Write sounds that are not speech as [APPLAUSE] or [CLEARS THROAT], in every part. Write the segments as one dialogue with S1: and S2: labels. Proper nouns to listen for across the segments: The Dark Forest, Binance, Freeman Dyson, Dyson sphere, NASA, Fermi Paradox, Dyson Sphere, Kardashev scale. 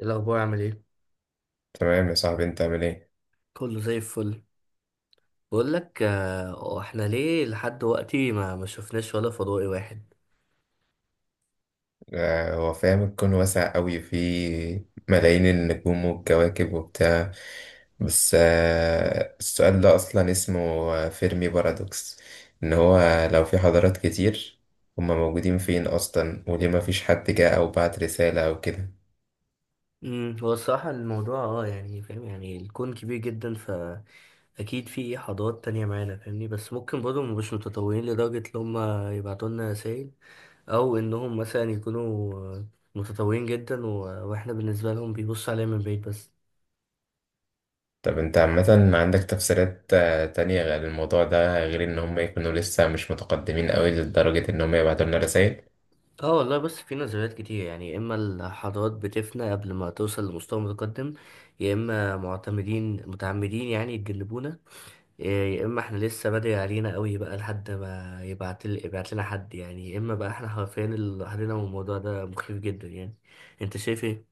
S1: إيه الأخبار؟ عامل إيه؟
S2: تمام يا صاحبي، انت عامل ايه؟
S1: كله زي الفل. بقول لك آه، احنا ليه لحد دلوقتي ما شفناش ولا فضائي واحد؟
S2: هو فاهم الكون واسع قوي، فيه ملايين النجوم والكواكب وبتاع. بس السؤال ده اصلا اسمه فيرمي بارادوكس، ان هو لو في حضارات كتير، هما موجودين فين اصلا، وليه ما فيش حد جه او بعت رسالة او كده؟
S1: هو الصراحة الموضوع اه، يعني فاهم، يعني الكون كبير جدا، فأكيد في حضارات تانية معانا، فاهمني؟ بس ممكن برضه مبقوش متطورين لدرجة إن هما يبعتوا لنا رسايل، أو إنهم مثلا يكونوا متطورين جدا وإحنا بالنسبة لهم بيبصوا علينا من بعيد بس.
S2: طب انت عامة عندك تفسيرات تانية غير الموضوع ده، غير ان هما يكونوا لسه مش متقدمين قوي لدرجة ان هما يبعتوا لنا رسائل؟
S1: اه والله، بص، في نظريات كتير، يعني يا اما الحضارات بتفنى قبل ما توصل لمستوى متقدم، يا اما معتمدين متعمدين يعني يتجنبونا، إيه، يا اما احنا لسه بدري علينا قوي بقى لحد ما يبعت لنا حد، يعني يا اما بقى احنا حرفيا لوحدنا، والموضوع ده مخيف جدا يعني. انت شايف ايه؟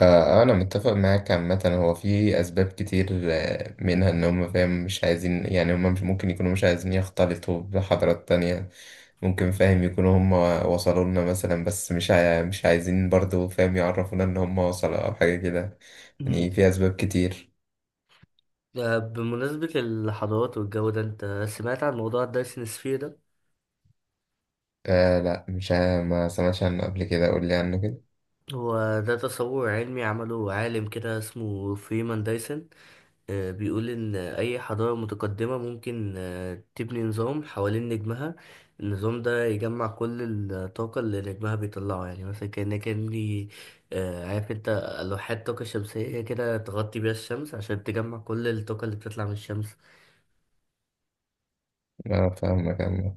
S2: آه، أنا متفق معاك عامة، هو في أسباب كتير، منها إن هم فاهم مش عايزين، يعني هم مش ممكن يكونوا مش عايزين يختلطوا بحضارات تانية. ممكن فاهم يكونوا هم وصلوا لنا مثلا، بس مش عايزين برضو فاهم يعرفونا إن هم وصلوا أو حاجة كده،
S1: [CLEARS THROAT] مم.
S2: يعني في أسباب كتير.
S1: بمناسبة الحضارات والجو ده، انت سمعت عن موضوع الدايسن سفير ده؟
S2: لا، مش عا- ما سمعتش عنه قبل كده، قول لي عنه كده.
S1: هو ده تصور علمي عمله عالم كده اسمه فريمان دايسن. بيقول إن أي حضارة متقدمة ممكن تبني نظام حوالين نجمها. النظام ده يجمع كل الطاقة اللي نجمها بيطلعه، يعني مثلا كأنك إني عارف أنت لوحات طاقة شمسية، هي كده تغطي بيها الشمس عشان تجمع كل الطاقة اللي بتطلع من الشمس.
S2: أنا فاهمك عامة.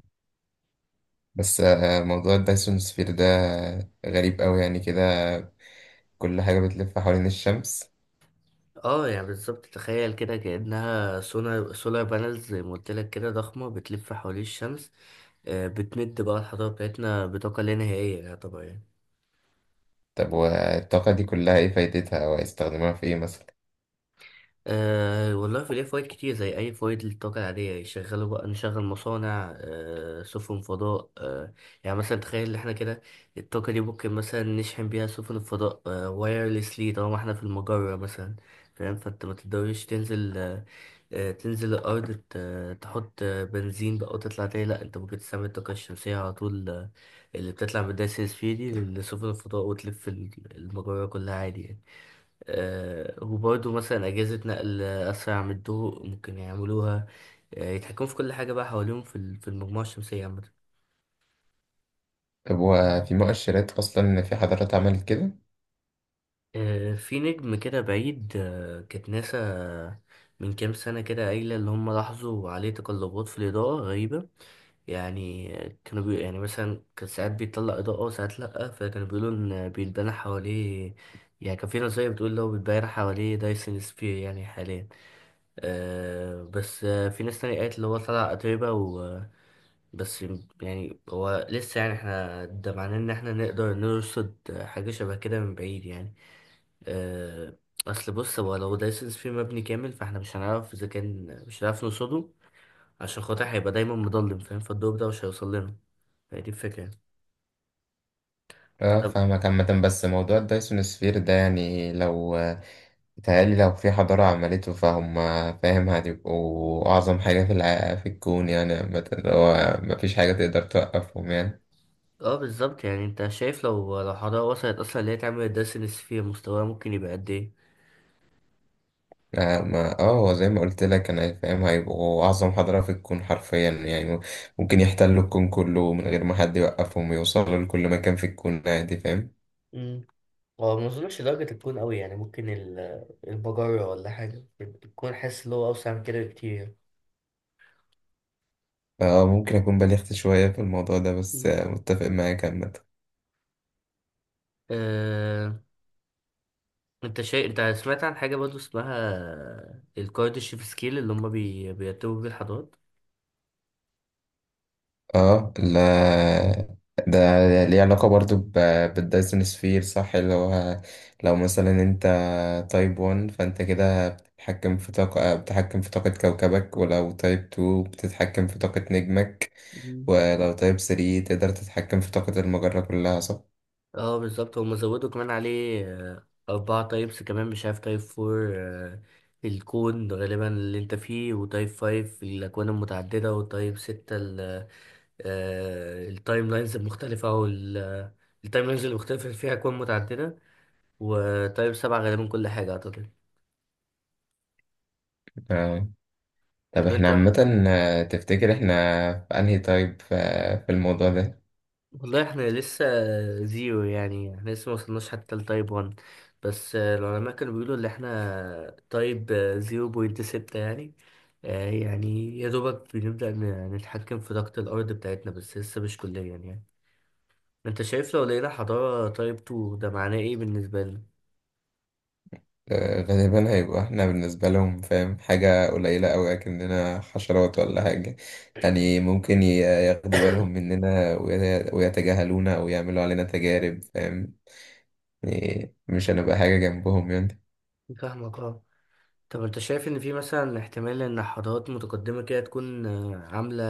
S2: بس موضوع الدايسون سفير ده غريب أوي يعني كده، كل حاجة بتلف حوالين الشمس.
S1: اه يعني بالظبط، تخيل كده كأنها سولار سولار بانلز، زي ما قلت لك، كده ضخمة بتلف حوالين الشمس. بتمد بقى الحضارة بتاعتنا بطاقة لا نهائية طبعا.
S2: طب والطاقة دي كلها إيه فايدتها وهيستخدموها في إيه مثلا؟
S1: أه والله، في ليه فوائد كتير زي أي فوائد للطاقة العادية، يشغلوا بقى، نشغل مصانع، أه سفن فضاء، أه يعني مثلا تخيل إن احنا كده الطاقة دي ممكن مثلا نشحن بيها سفن الفضاء، أه وايرلسلي طالما احنا في المجرة مثلا. فاهم؟ فانت ما تقدرش تنزل، أه تنزل الأرض، تحط آه، بنزين بقى وتطلع تاني، لأ، انت ممكن تستعمل الطاقة الشمسية على طول، اللي بتطلع من الدايسن سفير دي لسفن الفضاء وتلف المجرة كلها عادي يعني. وبرضه مثلا أجهزة نقل أسرع من الضوء ممكن يعملوها، يتحكموا في كل حاجة بقى حواليهم في في المجموعة الشمسية عامة.
S2: طب وفي مؤشرات أصلا في حضارات عملت كده؟
S1: في نجم كده بعيد، كانت ناسا من كام سنة كده قايلة، اللي هم لاحظوا عليه تقلبات في الإضاءة غريبة، يعني كانوا يعني مثلا كان ساعات بيطلع إضاءة وساعات لأ، فكانوا بيقولوا إن بيتبنى حواليه، يعني كان في نظرية بتقول لو بيتبنى حواليه دايسون سفير يعني حاليا. آه بس آه، في ناس تانية قالت اللي هو طلع أتربة و بس. يعني هو لسه، يعني احنا ده معناه ان احنا نقدر نرصد حاجة شبه كده من بعيد يعني. آه، اصل بص، هو لو دايسنس فيه مبني كامل، فاحنا مش هنعرف اذا كان، مش هنعرف نرصده عشان خاطر هيبقى دايما مضلم، فاهم؟ فالدور ده مش هيوصل لنا، فهي دي الفكرة يعني.
S2: أه،
S1: طب
S2: فاهمك عامة. بس موضوع الدايسون سفير ده، يعني لو بيتهيألي لو في حضارة عملته فاهم هتبقوا أعظم حاجة في الكون يعني، عامة هو مفيش حاجة تقدر توقفهم يعني.
S1: اه بالظبط، يعني انت شايف لو حضارة وصلت اصلا اللي هي تعمل دايسنس فيه، مستواها ممكن يبقى قد
S2: ما هو زي ما قلت لك، انا فاهم هيبقوا اعظم حضاره في الكون حرفيا يعني، ممكن يحتلوا الكون كله من غير ما حد يوقفهم، يوصلوا لكل مكان في الكون عادي فاهم.
S1: ايه؟ هو ما اظنش درجة الكون قوي، يعني ممكن المجرة ولا حاجة، الكون حاسس اللي هو أوسع من كده بكتير.
S2: اه، ممكن اكون بلغت شوية في الموضوع ده، بس
S1: مم.
S2: متفق معاك عامة.
S1: أه... انت شيء، انت سمعت عن حاجة برضه اسمها الكارديشيف سكيل، اللي هما بيرتبوا بيه الحضارات؟
S2: اه لا، ده ليه علاقة برضو بالدايسون سفير صح، اللي هو لو مثلا انت تايب 1 فانت كده بتتحكم في طاقة كوكبك، ولو تايب 2 بتتحكم في طاقة نجمك،
S1: مم.
S2: ولو تايب 3 تقدر تتحكم في طاقة المجرة كلها صح؟
S1: اه بالظبط، هما زودوا كمان عليه، أربعة تايبس كمان، مش عارف، تايب فور الكون غالبا اللي انت فيه، وتايب فايف الأكوان المتعددة، وتايب ستة التايم لاينز المختلفة أو التايم لاينز المختلفة فيها أكوان متعددة، وتايم سبعة غالبا كل حاجة أعتقد.
S2: آه. طب
S1: طب
S2: احنا
S1: أنت،
S2: عامة تفتكر احنا في انهي تايب في الموضوع ده؟
S1: والله إحنا لسه زيرو يعني، إحنا لسه موصلناش حتى لتايب ون. بس العلماء كانوا بيقولوا إن إحنا تايب زيرو بوينت ستة يعني. يعني يا دوبك بنبدأ نتحكم في طاقة الأرض بتاعتنا، بس لسه مش كليا يعني. أنت شايف لو لقينا حضارة تايب تو ده معناه إيه بالنسبة لنا؟
S2: غالبا هيبقى احنا بالنسبة لهم فاهم حاجة قليلة أوي أكننا حشرات ولا حاجة. يعني ممكن ياخدوا بالهم مننا ويتجاهلونا، أو يعملوا علينا تجارب فاهم، يعني مش هنبقى حاجة جنبهم يعني.
S1: فاهمك اه. طب انت شايف ان في مثلا احتمال ان حضارات متقدمة كده تكون عاملة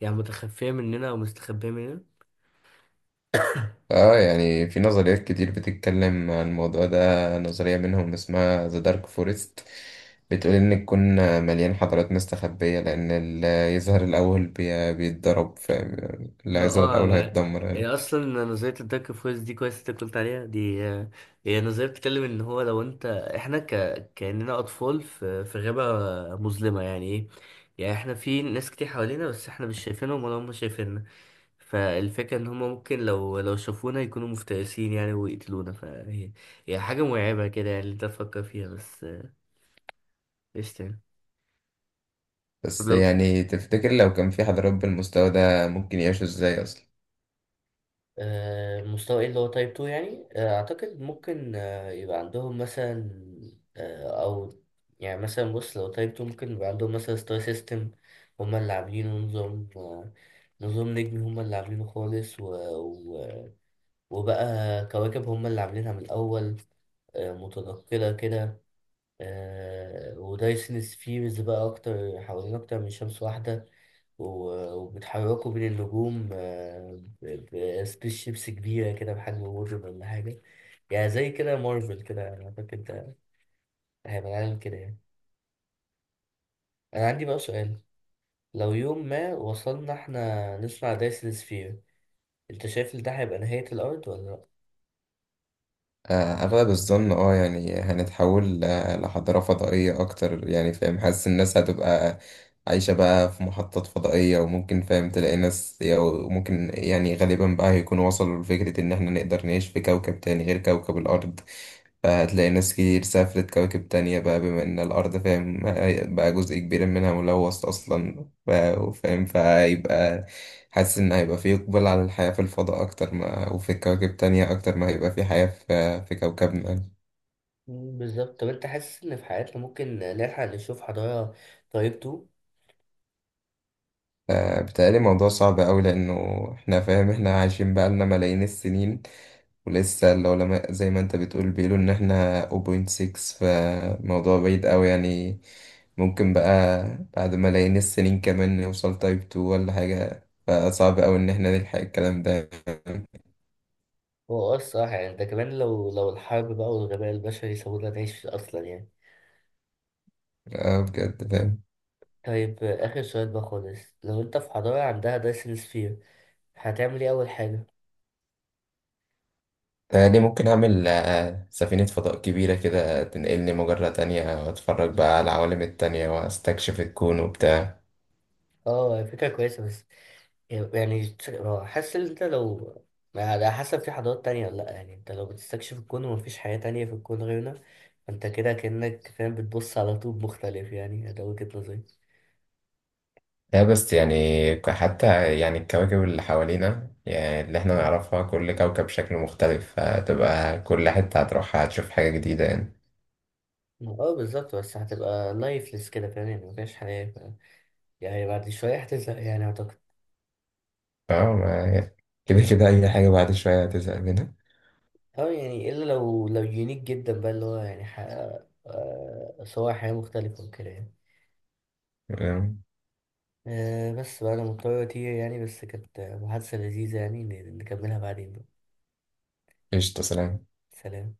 S1: يعني متخفية مننا او مستخبية مننا؟
S2: اه يعني في نظريات كتير بتتكلم عن الموضوع ده، نظرية منهم اسمها The Dark Forest، بتقول إن الكون مليان حضارات مستخبية، لأن اللي يظهر الأول بيتضرب فاهم، اللي
S1: ما
S2: هيظهر
S1: اه
S2: الأول
S1: ما
S2: هيتدمر.
S1: هي اصلا نظرية الدارك فورس دي، كويس انت قلت عليها دي. هي نظرية بتتكلم ان هو لو انت احنا كأننا اطفال في... في غابة مظلمة، يعني ايه؟ يعني احنا في ناس كتير حوالينا بس احنا مش شايفينهم ولا هم شايفيننا، فالفكرة ان هما ممكن لو شافونا يكونوا مفترسين يعني ويقتلونا، فهي هي حاجة مرعبة كده يعني اللي انت تفكر فيها بس. ايش تاني؟ طب
S2: بس
S1: لو
S2: يعني تفتكر لو كان في حضارات بالمستوى ده ممكن يعيشوا ازاي اصلا؟
S1: المستوى ايه اللي هو تايب 2 يعني، اعتقد ممكن يبقى عندهم مثلا آه، او يعني مثلا بص، لو تايب 2 ممكن يبقى عندهم مثلا ستار سيستم هما اللي عاملينه، نظام نظام نجمي هما اللي عاملينه خالص، و... وبقى كواكب هما اللي عاملينها من الاول، متنقلة كده، ودايسنس فيه مسبقة أكتر حوالين أكتر من شمس واحدة، وبتحركوا بين النجوم بسبيس شيبس كبيرة كده بحجم وورد ولا حاجة، يعني زي كده مارفل كده أنا فاكر، ده هيبقى العالم كده يعني. أنا عندي بقى سؤال، لو يوم ما وصلنا إحنا نصنع دايسن سفير، أنت شايف إن ده هيبقى نهاية الأرض ولا لأ؟
S2: اغلب الظن اه يعني هنتحول لحضارة فضائية اكتر يعني فاهم، حاسس الناس هتبقى عايشة بقى في محطات فضائية، وممكن فاهم تلاقي ناس، أو ممكن يعني غالبا بقى هيكونوا وصلوا لفكرة إن إحنا نقدر نعيش في كوكب تاني غير كوكب الأرض. فهتلاقي ناس كتير سافرت كواكب تانية بقى، بما إن الأرض فاهم بقى جزء كبير منها ملوث أصلا، فاهم، فهيبقى حاسس ان هيبقى في اقبال على الحياة في الفضاء اكتر، ما وفي كواكب تانية اكتر ما هيبقى في حياة في كوكبنا.
S1: مم، بالظبط. طب أنت حاسس إن في حياتنا ممكن نلحق نشوف حضارة طيبته؟
S2: ف- بتهيألي الموضوع صعب أوي، لأنه إحنا فاهم إحنا عايشين بقالنا ملايين السنين، ولسه العلماء زي ما أنت بتقول بيقولوا إن إحنا 0.6، فموضوع بعيد أوي يعني، ممكن بقى بعد ملايين السنين كمان نوصل تايب 2 ولا حاجة، فصعب أوي إن إحنا نلحق الكلام ده يعني.
S1: هو اه الصراحة، يعني ده كمان لو الحرب بقى والغباء البشري سابونا نعيش أصلا يعني.
S2: بجد فاهم.
S1: طيب آخر سؤال بقى خالص، لو أنت في حضارة عندها دايسن سفير، هتعمل إيه أول حاجة؟
S2: تهيألي ممكن أعمل سفينة فضاء كبيرة كده تنقلني مجرة تانية، وأتفرج بقى على العوالم التانية وأستكشف الكون وبتاع.
S1: اه فكرة كويسة، بس يعني آه، حاسس إن أنت لو، على حسب في حضارات تانية ولا لأ، يعني أنت لو بتستكشف الكون ومفيش حياة تانية في الكون غيرنا، فأنت كده كأنك فاهم بتبص على طوب مختلف، يعني ده وجهة نظري.
S2: لا بس يعني حتى يعني الكواكب اللي حوالينا، يعني اللي احنا
S1: مم.
S2: نعرفها، كل كوكب شكله مختلف، هتبقى كل حتة هتروحها هتشوف حاجة جديدة يعني.
S1: اه بالظبط، بس هتبقى لايفلس كده فاهم، يعني مفيهاش حياة، يعني بعد شوية هتزهق يعني أعتقد.
S2: اه كده كده أي حاجة بعد شوية هتزهق منها.
S1: أه يعني إلا لو يونيك جدا بقى اللي هو يعني حقق صور حياة مختلفة وكده يعني.
S2: آه،
S1: أه بس بقى أنا مضطر أطير يعني، بس كانت محادثة لذيذة يعني، نكملها بعدين بقى.
S2: قشطة. سلام.
S1: سلام.